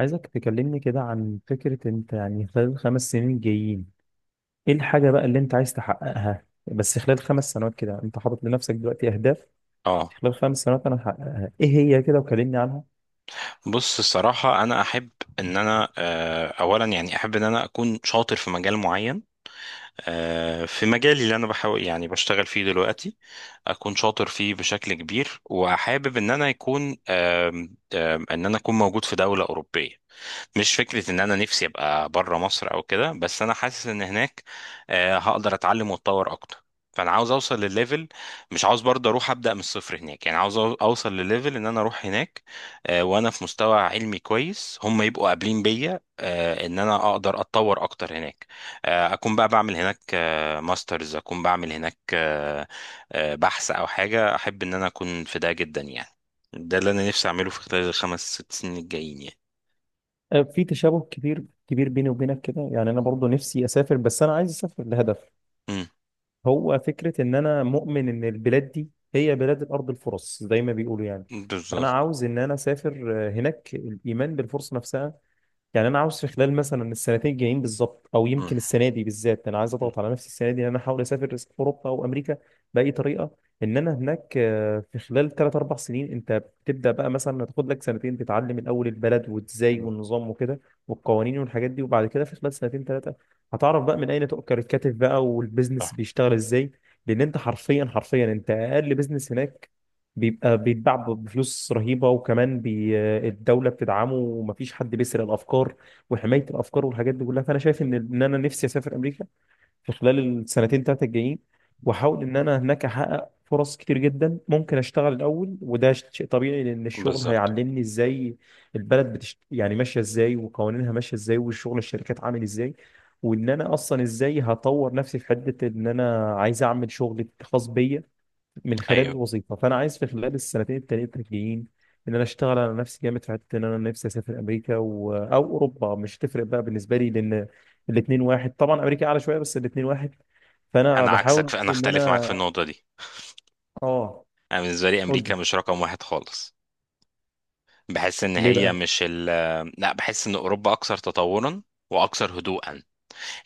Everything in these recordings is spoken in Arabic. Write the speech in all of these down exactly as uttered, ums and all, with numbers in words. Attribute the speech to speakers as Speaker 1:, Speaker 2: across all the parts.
Speaker 1: عايزك تكلمني كده عن فكرة انت يعني خلال الخمس سنين الجايين، ايه الحاجة بقى اللي انت عايز تحققها؟ بس خلال خمس سنوات كده انت حاطط لنفسك دلوقتي اهداف
Speaker 2: اه،
Speaker 1: خلال خمس سنوات انا هحققها ايه هي كده، وكلمني عنها.
Speaker 2: بص الصراحة أنا أحب إن أنا آه، أولا يعني أحب إن أنا أكون شاطر في مجال معين. آه، في مجالي اللي أنا بحاول يعني بشتغل فيه دلوقتي أكون شاطر فيه بشكل كبير، وحابب إن أنا يكون آم، آم، إن أنا أكون موجود في دولة أوروبية. مش فكرة إن أنا نفسي أبقى بره مصر أو كده، بس أنا حاسس إن هناك آه، هقدر أتعلم وأتطور أكتر. فأنا عاوز أوصل للليفل، مش عاوز برضه أروح أبدأ من الصفر هناك، يعني عاوز أو- أوصل للليفل إن أنا أروح هناك آه، وأنا في مستوى علمي كويس، هم يبقوا قابلين بيا، آه، إن أنا أقدر أتطور أكتر هناك. آه، أكون بقى بعمل هناك آه، ماسترز، أكون بعمل هناك آه، آه، بحث أو حاجة. أحب إن أنا أكون في ده جدا يعني. ده اللي أنا نفسي أعمله في خلال الخمس ست سنين الجايين يعني.
Speaker 1: آه، في تشابه كبير كبير بيني وبينك كده، يعني انا برضو نفسي اسافر بس انا عايز اسافر لهدف.
Speaker 2: مم.
Speaker 1: هو فكرة ان انا مؤمن ان البلاد دي هي بلاد الارض الفرص زي ما بيقولوا يعني. فانا
Speaker 2: بالظبط.
Speaker 1: عاوز ان انا اسافر آه، هناك الايمان بالفرصة نفسها. يعني انا عاوز في خلال مثلا السنتين الجايين بالظبط او
Speaker 2: مم.
Speaker 1: يمكن السنه دي بالذات انا عايز اضغط على نفسي السنه دي ان انا احاول اسافر اوروبا او امريكا باي طريقه. ان انا هناك آه، في خلال تلاتة اربعة سنين انت بتبدا بقى مثلا تاخد لك سنتين تتعلم الاول البلد وازاي
Speaker 2: مم.
Speaker 1: والنظام وكده والقوانين والحاجات دي، وبعد كده في خلال سنتين ثلاثه هتعرف بقى من اين تؤكل الكتف بقى
Speaker 2: صح.
Speaker 1: والبيزنس بيشتغل ازاي. لان انت حرفيا حرفيا انت اقل بيزنس هناك بيبقى بيتباع بفلوس رهيبة، وكمان بي آه، الدولة بتدعمه ومفيش حد بيسرق الأفكار وحماية الأفكار والحاجات دي كلها. فأنا شايف إن إن أنا نفسي أسافر أمريكا في خلال السنتين تلاتة الجايين، وأحاول إن أنا هناك أحقق فرص كتير جدا. ممكن أشتغل الأول وده شيء طبيعي لأن الشغل
Speaker 2: بالظبط.
Speaker 1: هيعلمني إزاي البلد بتشت... يعني ماشية إزاي، وقوانينها ماشية إزاي، والشغل الشركات عامل إزاي، وإن أنا أصلا إزاي هطور نفسي في حتة إن أنا عايز أعمل شغل خاص بيا من خلال
Speaker 2: ايوه،
Speaker 1: الوظيفه. فانا عايز في خلال السنتين التلاتة الجايين ان انا اشتغل على نفسي جامد في حته ان انا نفسي اسافر امريكا و... او اوروبا، مش تفرق بقى بالنسبه لي لان الاثنين واحد. طبعا امريكا اعلى شويه بس الاثنين واحد. فانا
Speaker 2: انا عكسك،
Speaker 1: بحاول
Speaker 2: فانا
Speaker 1: ان
Speaker 2: اختلف معاك في
Speaker 1: انا
Speaker 2: النقطه دي.
Speaker 1: اه.
Speaker 2: انا بالنسبه لي
Speaker 1: قول
Speaker 2: امريكا
Speaker 1: لي،
Speaker 2: مش رقم واحد خالص. بحس ان
Speaker 1: ليه
Speaker 2: هي
Speaker 1: بقى؟
Speaker 2: مش ال لا، بحس ان اوروبا اكثر تطورا واكثر هدوءا.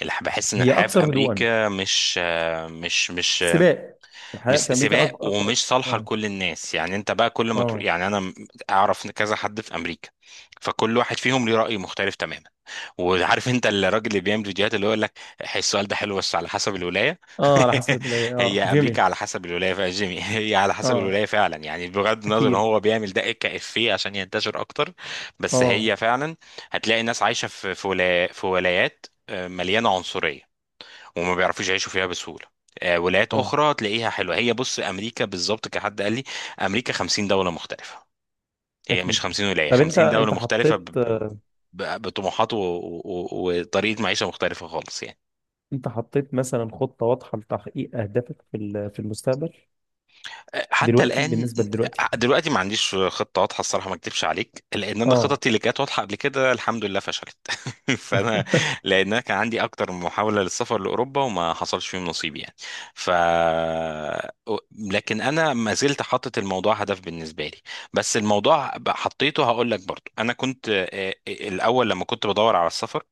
Speaker 2: الح- بحس ان
Speaker 1: هي
Speaker 2: الحياه في
Speaker 1: اكثر هدوءا؟
Speaker 2: امريكا مش مش مش
Speaker 1: سباق؟ الحياه
Speaker 2: مش
Speaker 1: في امريكا أك...
Speaker 2: سباق
Speaker 1: اكثر.
Speaker 2: ومش صالحه
Speaker 1: اه.
Speaker 2: لكل الناس، يعني انت بقى كل ما تروح،
Speaker 1: اه.
Speaker 2: يعني انا م- اعرف كذا حد في امريكا، فكل واحد فيهم ليه راي مختلف تماما. وعارف انت الراجل اللي بيعمل فيديوهات، اللي هو يقول لك "هي السؤال ده حلو بس على حسب الولايه".
Speaker 1: اه على حسب الولايه، اه
Speaker 2: هي امريكا
Speaker 1: جيمي.
Speaker 2: على حسب الولايه فعلا، جيمي. هي على حسب
Speaker 1: اه
Speaker 2: الولايه فعلا، يعني بغض النظر ان
Speaker 1: اكيد.
Speaker 2: هو بيعمل ده كافيه عشان ينتشر اكتر. بس
Speaker 1: اه.
Speaker 2: هي فعلا هتلاقي الناس عايشه في في ولا- في ولايات آه، مليانه عنصريه، وما بيعرفوش يعيشوا فيها بسهولة. آه، ولايات
Speaker 1: اه
Speaker 2: أخرى تلاقيها حلوة. هي بص، أمريكا بالظبط كحد قال لي، أمريكا خمسين دولة مختلفة، هي
Speaker 1: اكيد.
Speaker 2: مش خمسين ولاية،
Speaker 1: طب انت
Speaker 2: خمسين دولة
Speaker 1: انت
Speaker 2: مختلفة ب-
Speaker 1: حطيت،
Speaker 2: ب- ب- بطموحات و- و- و- وطريقة معيشة مختلفة خالص يعني.
Speaker 1: انت حطيت مثلا خطة واضحة لتحقيق اهدافك في ال- في المستقبل
Speaker 2: حتى
Speaker 1: دلوقتي
Speaker 2: الان
Speaker 1: بالنسبة لدلوقتي؟
Speaker 2: دلوقتي ما عنديش خطه واضحه، الصراحه ما اكدبش عليك، لان انا
Speaker 1: اه.
Speaker 2: خططي اللي كانت واضحه قبل كده الحمد لله فشلت. فانا لان أنا كان عندي اكتر من محاوله للسفر لاوروبا وما حصلش فيهم نصيب يعني. ف لكن انا ما زلت حاطط الموضوع هدف بالنسبه لي. بس الموضوع حطيته، هقول لك برضو، انا كنت آه، آه، الاول لما كنت بدور على السفر،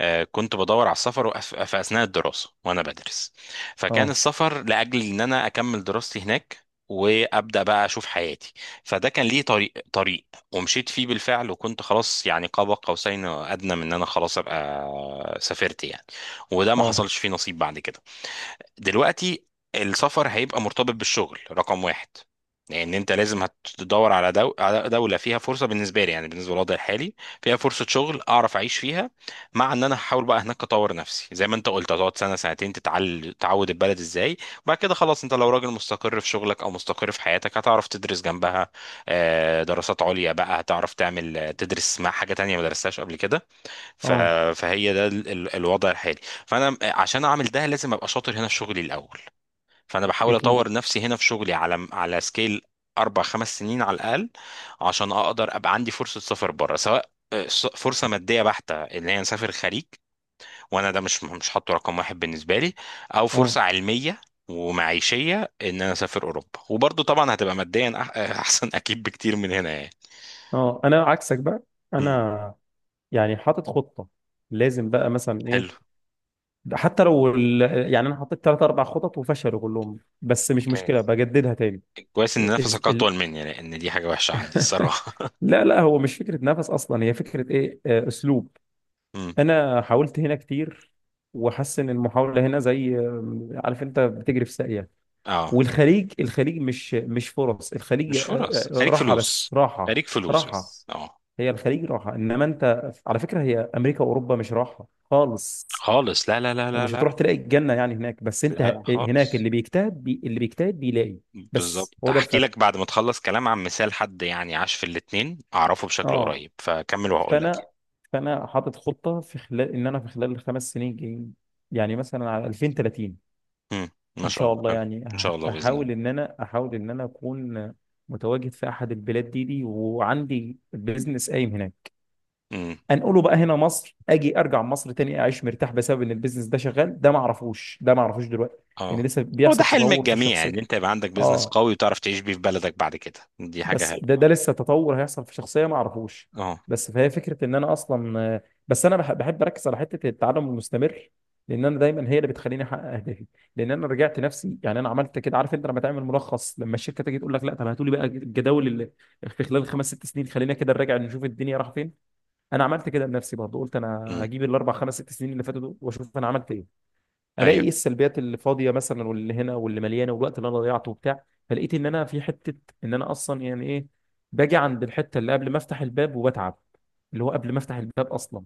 Speaker 2: آه، كنت بدور على السفر وأس- في أثناء الدراسة وأنا بدرس، فكان
Speaker 1: اه.
Speaker 2: السفر لأجل إن أنا أكمل دراستي هناك وأبدأ بقى أشوف حياتي. فده كان ليه طريق طريق، ومشيت فيه بالفعل، وكنت خلاص يعني قاب قوسين أو أدنى من إن أنا خلاص أبقى سافرت يعني، وده ما
Speaker 1: اه.
Speaker 2: حصلش فيه نصيب بعد كده. دلوقتي السفر هيبقى مرتبط بالشغل رقم واحد، لان انت لازم هتدور على دو... على دولة فيها فرصة، بالنسبة لي يعني بالنسبة للوضع الحالي، فيها فرصة شغل اعرف اعيش فيها. مع ان انا هحاول بقى هناك اطور نفسي، زي ما انت قلت هتقعد سنة سنتين تتعل... تعود البلد ازاي، وبعد كده خلاص انت لو راجل مستقر في شغلك او مستقر في حياتك هتعرف تدرس جنبها آه، دراسات عليا بقى، هتعرف تعمل آه، تدرس مع حاجة تانية ما درستهاش قبل كده. ف...
Speaker 1: اه
Speaker 2: فهي ده ال... ال- الوضع الحالي. فانا عشان اعمل ده لازم ابقى شاطر هنا في شغلي الاول، فانا بحاول
Speaker 1: اكيد.
Speaker 2: اطور نفسي هنا في شغلي على على سكيل اربع خمس سنين على الاقل، عشان اقدر ابقى عندي فرصه سفر بره، سواء آه، س- فرصه ماديه بحته اللي هي نسافر خليج، وانا ده مش مش حاطه رقم واحد بالنسبه لي، او
Speaker 1: اه.
Speaker 2: فرصه علميه ومعيشيه ان انا اسافر اوروبا، وبرضه طبعا هتبقى ماديا أح- احسن اكيد بكتير من هنا يعني.
Speaker 1: اه انا عكسك بقى.
Speaker 2: مم.
Speaker 1: انا يعني حاطط خطه، لازم بقى مثلا ايه.
Speaker 2: حلو.
Speaker 1: حتى لو ال... يعني انا حطيت ثلاث اربع خطط وفشلوا كلهم، بس مش مشكله،
Speaker 2: ممتاز.
Speaker 1: بجددها تاني.
Speaker 2: كويس ان
Speaker 1: إز...
Speaker 2: نفسك
Speaker 1: ال...
Speaker 2: اطول مني، لان دي حاجه وحشه عندي الصراحه.
Speaker 1: لا لا، هو مش فكره نفس اصلا، هي فكره ايه آه، اسلوب.
Speaker 2: امم.
Speaker 1: انا حاولت هنا كتير، وحاسس ان المحاوله هنا زي آه، عارف انت بتجري في ساقيه.
Speaker 2: اه،
Speaker 1: والخليج الخليج مش مش فرص، الخليج
Speaker 2: مش
Speaker 1: آه،
Speaker 2: فرص،
Speaker 1: آه،
Speaker 2: خليك
Speaker 1: راحه،
Speaker 2: فلوس.
Speaker 1: بس راحه،
Speaker 2: خليك فلوس
Speaker 1: راحه.
Speaker 2: بس، اه.
Speaker 1: هي الخليج راحه، انما انت على فكره هي امريكا واوروبا مش راحه خالص.
Speaker 2: خالص، لا لا لا لا
Speaker 1: ومش هتروح
Speaker 2: لا،
Speaker 1: تلاقي الجنه يعني هناك، بس انت ه-
Speaker 2: لا
Speaker 1: آه،
Speaker 2: لا
Speaker 1: هناك
Speaker 2: خالص.
Speaker 1: اللي بيجتهد بي اللي بيجتهد بيلاقي. بس
Speaker 2: بالظبط،
Speaker 1: هو ده
Speaker 2: هحكي
Speaker 1: الفرق.
Speaker 2: لك بعد ما تخلص كلام عن مثال حد يعني عاش في الاتنين اعرفه بشكل
Speaker 1: اه.
Speaker 2: قريب، فكمل وهقول لك
Speaker 1: فانا،
Speaker 2: يعني.
Speaker 1: فانا حاطط خطه في خلال ان انا في خلال الخمس سنين الجايين، يعني مثلا على الفين وتلاتين
Speaker 2: امم. ما
Speaker 1: ان
Speaker 2: شاء
Speaker 1: شاء
Speaker 2: الله
Speaker 1: الله.
Speaker 2: حلو.
Speaker 1: يعني
Speaker 2: ان
Speaker 1: أح-
Speaker 2: شاء الله باذن الله.
Speaker 1: احاول ان انا، احاول ان انا اكون متواجد في احد البلاد دي دي وعندي بيزنس قايم هناك،
Speaker 2: امم.
Speaker 1: انقله بقى هنا مصر، اجي ارجع مصر تاني اعيش مرتاح بسبب ان البيزنس ده شغال. ده ما اعرفوش، ده ما اعرفوش دلوقتي لان
Speaker 2: اه،
Speaker 1: لسه
Speaker 2: هو ده
Speaker 1: بيحصل
Speaker 2: حلم
Speaker 1: تطور في
Speaker 2: الجميع
Speaker 1: الشخصيه.
Speaker 2: ان انت يبقى عندك بيزنس
Speaker 1: اه.
Speaker 2: قوي وتعرف تعيش بيه في بلدك بعد كده، دي حاجه
Speaker 1: بس
Speaker 2: حلوه،
Speaker 1: ده ده
Speaker 2: اه.
Speaker 1: لسه تطور هيحصل في شخصيه ما اعرفوش.
Speaker 2: اه.
Speaker 1: بس فهي فكره ان انا اصلا آه، بس انا بح- بحب اركز على حته التعلم المستمر، لان انا دايما هي اللي بتخليني احقق اهدافي. لان انا رجعت نفسي، يعني انا عملت كده، عارف انت لما تعمل ملخص، لما الشركه تيجي تقول لك لا طب هاتوا لي بقى الجداول اللي في خلال خمس ست سنين، خلينا كده نراجع نشوف الدنيا راح فين. انا عملت كده لنفسي برضه، قلت انا
Speaker 2: امم.
Speaker 1: هجيب الاربع خمس ست سنين اللي فاتوا دول واشوف انا عملت ايه. الاقي
Speaker 2: ايوه.
Speaker 1: ايه السلبيات اللي فاضيه مثلا، واللي هنا واللي مليانه، والوقت اللي انا ضيعته وبتاع. فلقيت ان انا في حته، ان انا اصلا يعني ايه، باجي عند الحته اللي قبل ما افتح الباب وبتعب، اللي هو قبل ما افتح الباب اصلا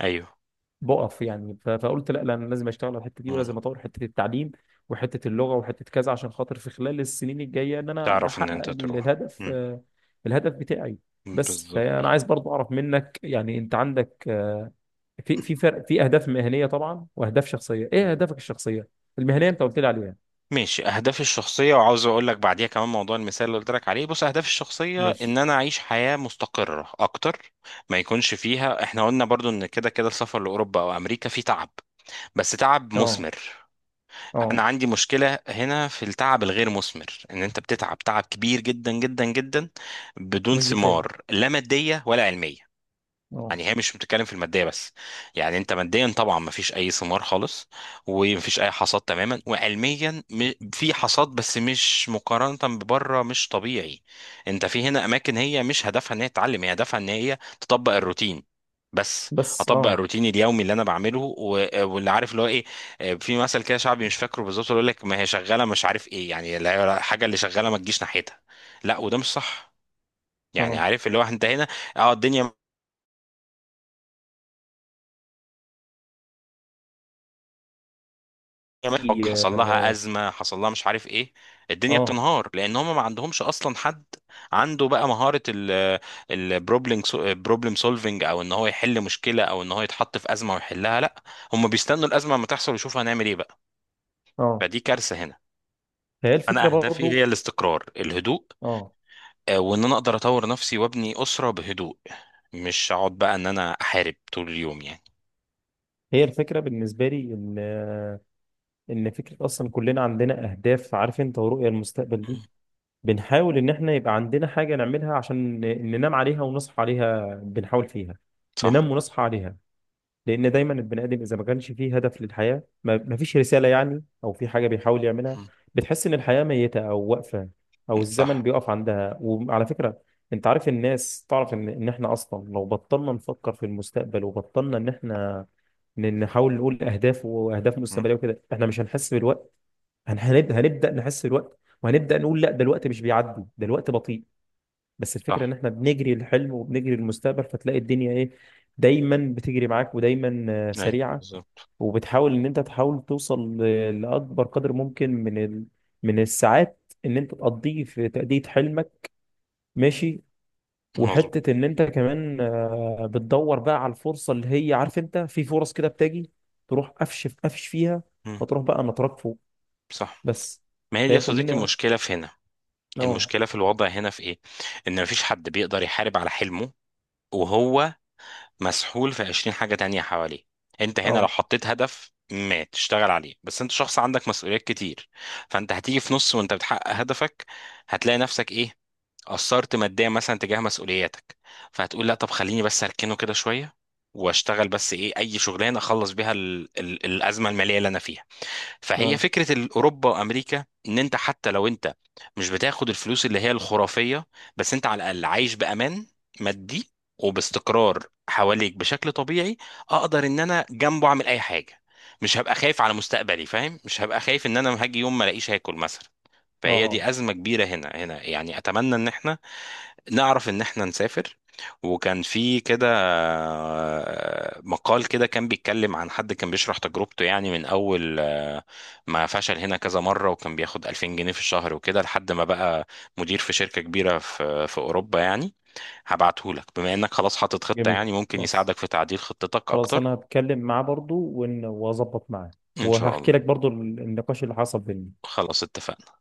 Speaker 2: ايوه،
Speaker 1: بقف يعني. ف- فقلت لا لا، انا لازم اشتغل على الحته دي ولازم اطور حته التعليم وحته اللغه وحته كذا، عشان خاطر في خلال السنين الجايه ان انا
Speaker 2: تعرف ان
Speaker 1: احقق
Speaker 2: انت
Speaker 1: ال-
Speaker 2: تروح.
Speaker 1: الهدف
Speaker 2: مم.
Speaker 1: آه، الهدف بتاعي. بس
Speaker 2: بالظبط.
Speaker 1: فانا عايز برضو اعرف منك، يعني انت عندك آه، في في فرق في اهداف مهنيه طبعا واهداف شخصيه، ايه
Speaker 2: مم.
Speaker 1: اهدافك الشخصيه؟ المهنيه انت قلت لي عليها.
Speaker 2: ماشي، اهدافي الشخصيه، وعاوز اقول لك بعديها كمان موضوع المثال اللي قلت لك عليه. بص، اهدافي الشخصيه
Speaker 1: مش.
Speaker 2: ان انا اعيش حياه مستقره اكتر، ما يكونش فيها، احنا قلنا برضو ان كده كده السفر لاوروبا او امريكا فيه تعب، بس تعب
Speaker 1: اه.
Speaker 2: مثمر. انا
Speaker 1: اه.
Speaker 2: عندي مشكله هنا في التعب الغير مثمر، ان انت بتتعب تعب كبير جدا جدا جدا بدون
Speaker 1: ومش بتلاقي.
Speaker 2: ثمار لا ماديه ولا علميه.
Speaker 1: اه.
Speaker 2: يعني هي مش بتتكلم في الماديه بس، يعني انت ماديا طبعا مفيش اي ثمار خالص ومفيش اي حصاد تماما، وعلميا م- في حصاد بس مش مقارنه ببره، مش طبيعي. انت في هنا اماكن هي مش هدفها ان هي تتعلم، هي هدفها ان هي تطبق الروتين بس.
Speaker 1: بس
Speaker 2: اطبق
Speaker 1: اه.
Speaker 2: الروتين اليومي اللي انا بعمله و- واللي عارف اللي هو ايه. آه، في مثل كده شعبي مش فاكره بالظبط اللي يقول لك ما هي شغاله مش عارف ايه، يعني الحاجه اللي شغاله ما تجيش ناحيتها، لا وده مش صح. يعني
Speaker 1: اه.
Speaker 2: عارف اللي هو انت هنا، اه، الدنيا كمان حق-
Speaker 1: في-
Speaker 2: حصل لها
Speaker 1: اه.
Speaker 2: ازمه، حصل لها مش عارف ايه، الدنيا
Speaker 1: اه.
Speaker 2: بتنهار، لان هم ما عندهمش اصلا حد عنده بقى مهاره البروبلم، بروبلم سولفنج، او ان هو يحل مشكله، او ان هو يتحط في ازمه ويحلها، لا، هم بيستنوا الازمه لما تحصل ويشوفوا هنعمل ايه بقى.
Speaker 1: آه.
Speaker 2: فدي كارثه هنا.
Speaker 1: فهي الفكره
Speaker 2: انا اهدافي هي
Speaker 1: برضو.
Speaker 2: الاستقرار، الهدوء،
Speaker 1: اه.
Speaker 2: آه، وان انا اقدر اطور نفسي وابني اسره بهدوء، مش اقعد بقى ان انا احارب طول اليوم يعني.
Speaker 1: هي الفكرة بالنسبة لي إن، إن فكرة أصلا كلنا عندنا أهداف، عارف أنت، ورؤية المستقبل دي،
Speaker 2: مم.
Speaker 1: بنحاول إن إحنا يبقى عندنا حاجة نعملها عشان ن- ننام عليها ونصحى عليها، بنحاول فيها
Speaker 2: صح.
Speaker 1: ننام ونصحى عليها. لأن دايما البني آدم إذا ما كانش فيه هدف للحياة، ما ما فيش رسالة يعني، أو في حاجة بيحاول يعملها،
Speaker 2: مم.
Speaker 1: بتحس إن الحياة ميتة أو واقفة أو الزمن
Speaker 2: صح.
Speaker 1: بيقف عندها. وعلى فكرة أنت عارف الناس، تعرف إن إن إحنا أصلا لو بطلنا نفكر في المستقبل وبطلنا إن إحنا ن- نحاول نقول اهداف واهداف
Speaker 2: مم.
Speaker 1: مستقبليه وكده، احنا مش هنحس بالوقت. هن- هنبدا هنبدا نحس بالوقت، وهنبدا نقول لا ده الوقت مش بيعدي، ده الوقت بطيء. بس الفكره
Speaker 2: صح.
Speaker 1: ان احنا بنجري الحلم وبنجري المستقبل، فتلاقي الدنيا ايه، دايما بتجري معاك، ودايما آه،
Speaker 2: اي
Speaker 1: سريعه.
Speaker 2: بالظبط.
Speaker 1: وبتحاول ان انت تحاول توصل ل- لاكبر قدر ممكن من ال... من الساعات ان انت تقضيه في تاديه حلمك، ماشي.
Speaker 2: مظبوط.
Speaker 1: وحتة إن أنت كمان آه، بتدور بقى على الفرصة اللي هي، عارف أنت، في فرص كده بتجي تروح قفش في قفش فيها،
Speaker 2: مم.
Speaker 1: فتروح بقى نطرق فوق.
Speaker 2: صح.
Speaker 1: بس
Speaker 2: ما هي دي يا
Speaker 1: فهي
Speaker 2: صديقي
Speaker 1: كلنا
Speaker 2: المشكلة في هنا.
Speaker 1: أه.
Speaker 2: المشكلة في الوضع هنا في ايه؟ ان مفيش حد بيقدر يحارب على حلمه وهو مسحول في عشرين حاجة تانية حواليه. انت هنا لو
Speaker 1: أه.
Speaker 2: حطيت هدف ما تشتغل عليه بس، انت شخص عندك مسؤوليات كتير، فانت هتيجي في نص وانت بتحقق هدفك، هتلاقي نفسك ايه، قصرت ماديا مثلا تجاه مسؤولياتك، فهتقول لا طب خليني بس اركنه كده شوية واشتغل بس ايه، اي شغلانة اخلص بيها ال ال الازمة المالية اللي انا فيها. فهي
Speaker 1: أه.
Speaker 2: فكرة الأوروبا وأمريكا، إن أنت حتى لو أنت مش بتاخد الفلوس اللي هي الخرافية، بس أنت على الأقل عايش بأمان مادي وباستقرار حواليك بشكل طبيعي. أقدر إن أنا جنبه أعمل أي حاجة، مش هبقى خايف على مستقبلي، فاهم؟ مش هبقى خايف إن أنا هاجي يوم ما ألاقيش هاكل مثلا. فهي
Speaker 1: أه.
Speaker 2: دي أزمة كبيرة هنا هنا يعني، أتمنى إن إحنا نعرف ان احنا نسافر. وكان في كده آه، مقال كده كان بيتكلم عن حد كان بيشرح تجربته، يعني من اول آه، ما فشل هنا كذا مرة، وكان بياخد ألفين جنيه في الشهر وكده لحد ما بقى مدير في شركة كبيرة في في اوروبا يعني. هبعته لك بما انك خلاص حاطط خطة،
Speaker 1: جميل.
Speaker 2: يعني ممكن
Speaker 1: خلاص.
Speaker 2: يساعدك في تعديل خطتك
Speaker 1: خلاص
Speaker 2: اكتر.
Speaker 1: أنا هتكلم معاه برضو، وإن- وأظبط معاه،
Speaker 2: ان شاء
Speaker 1: وهحكي
Speaker 2: الله.
Speaker 1: لك برضو النقاش اللي حصل بينا.
Speaker 2: خلاص اتفقنا.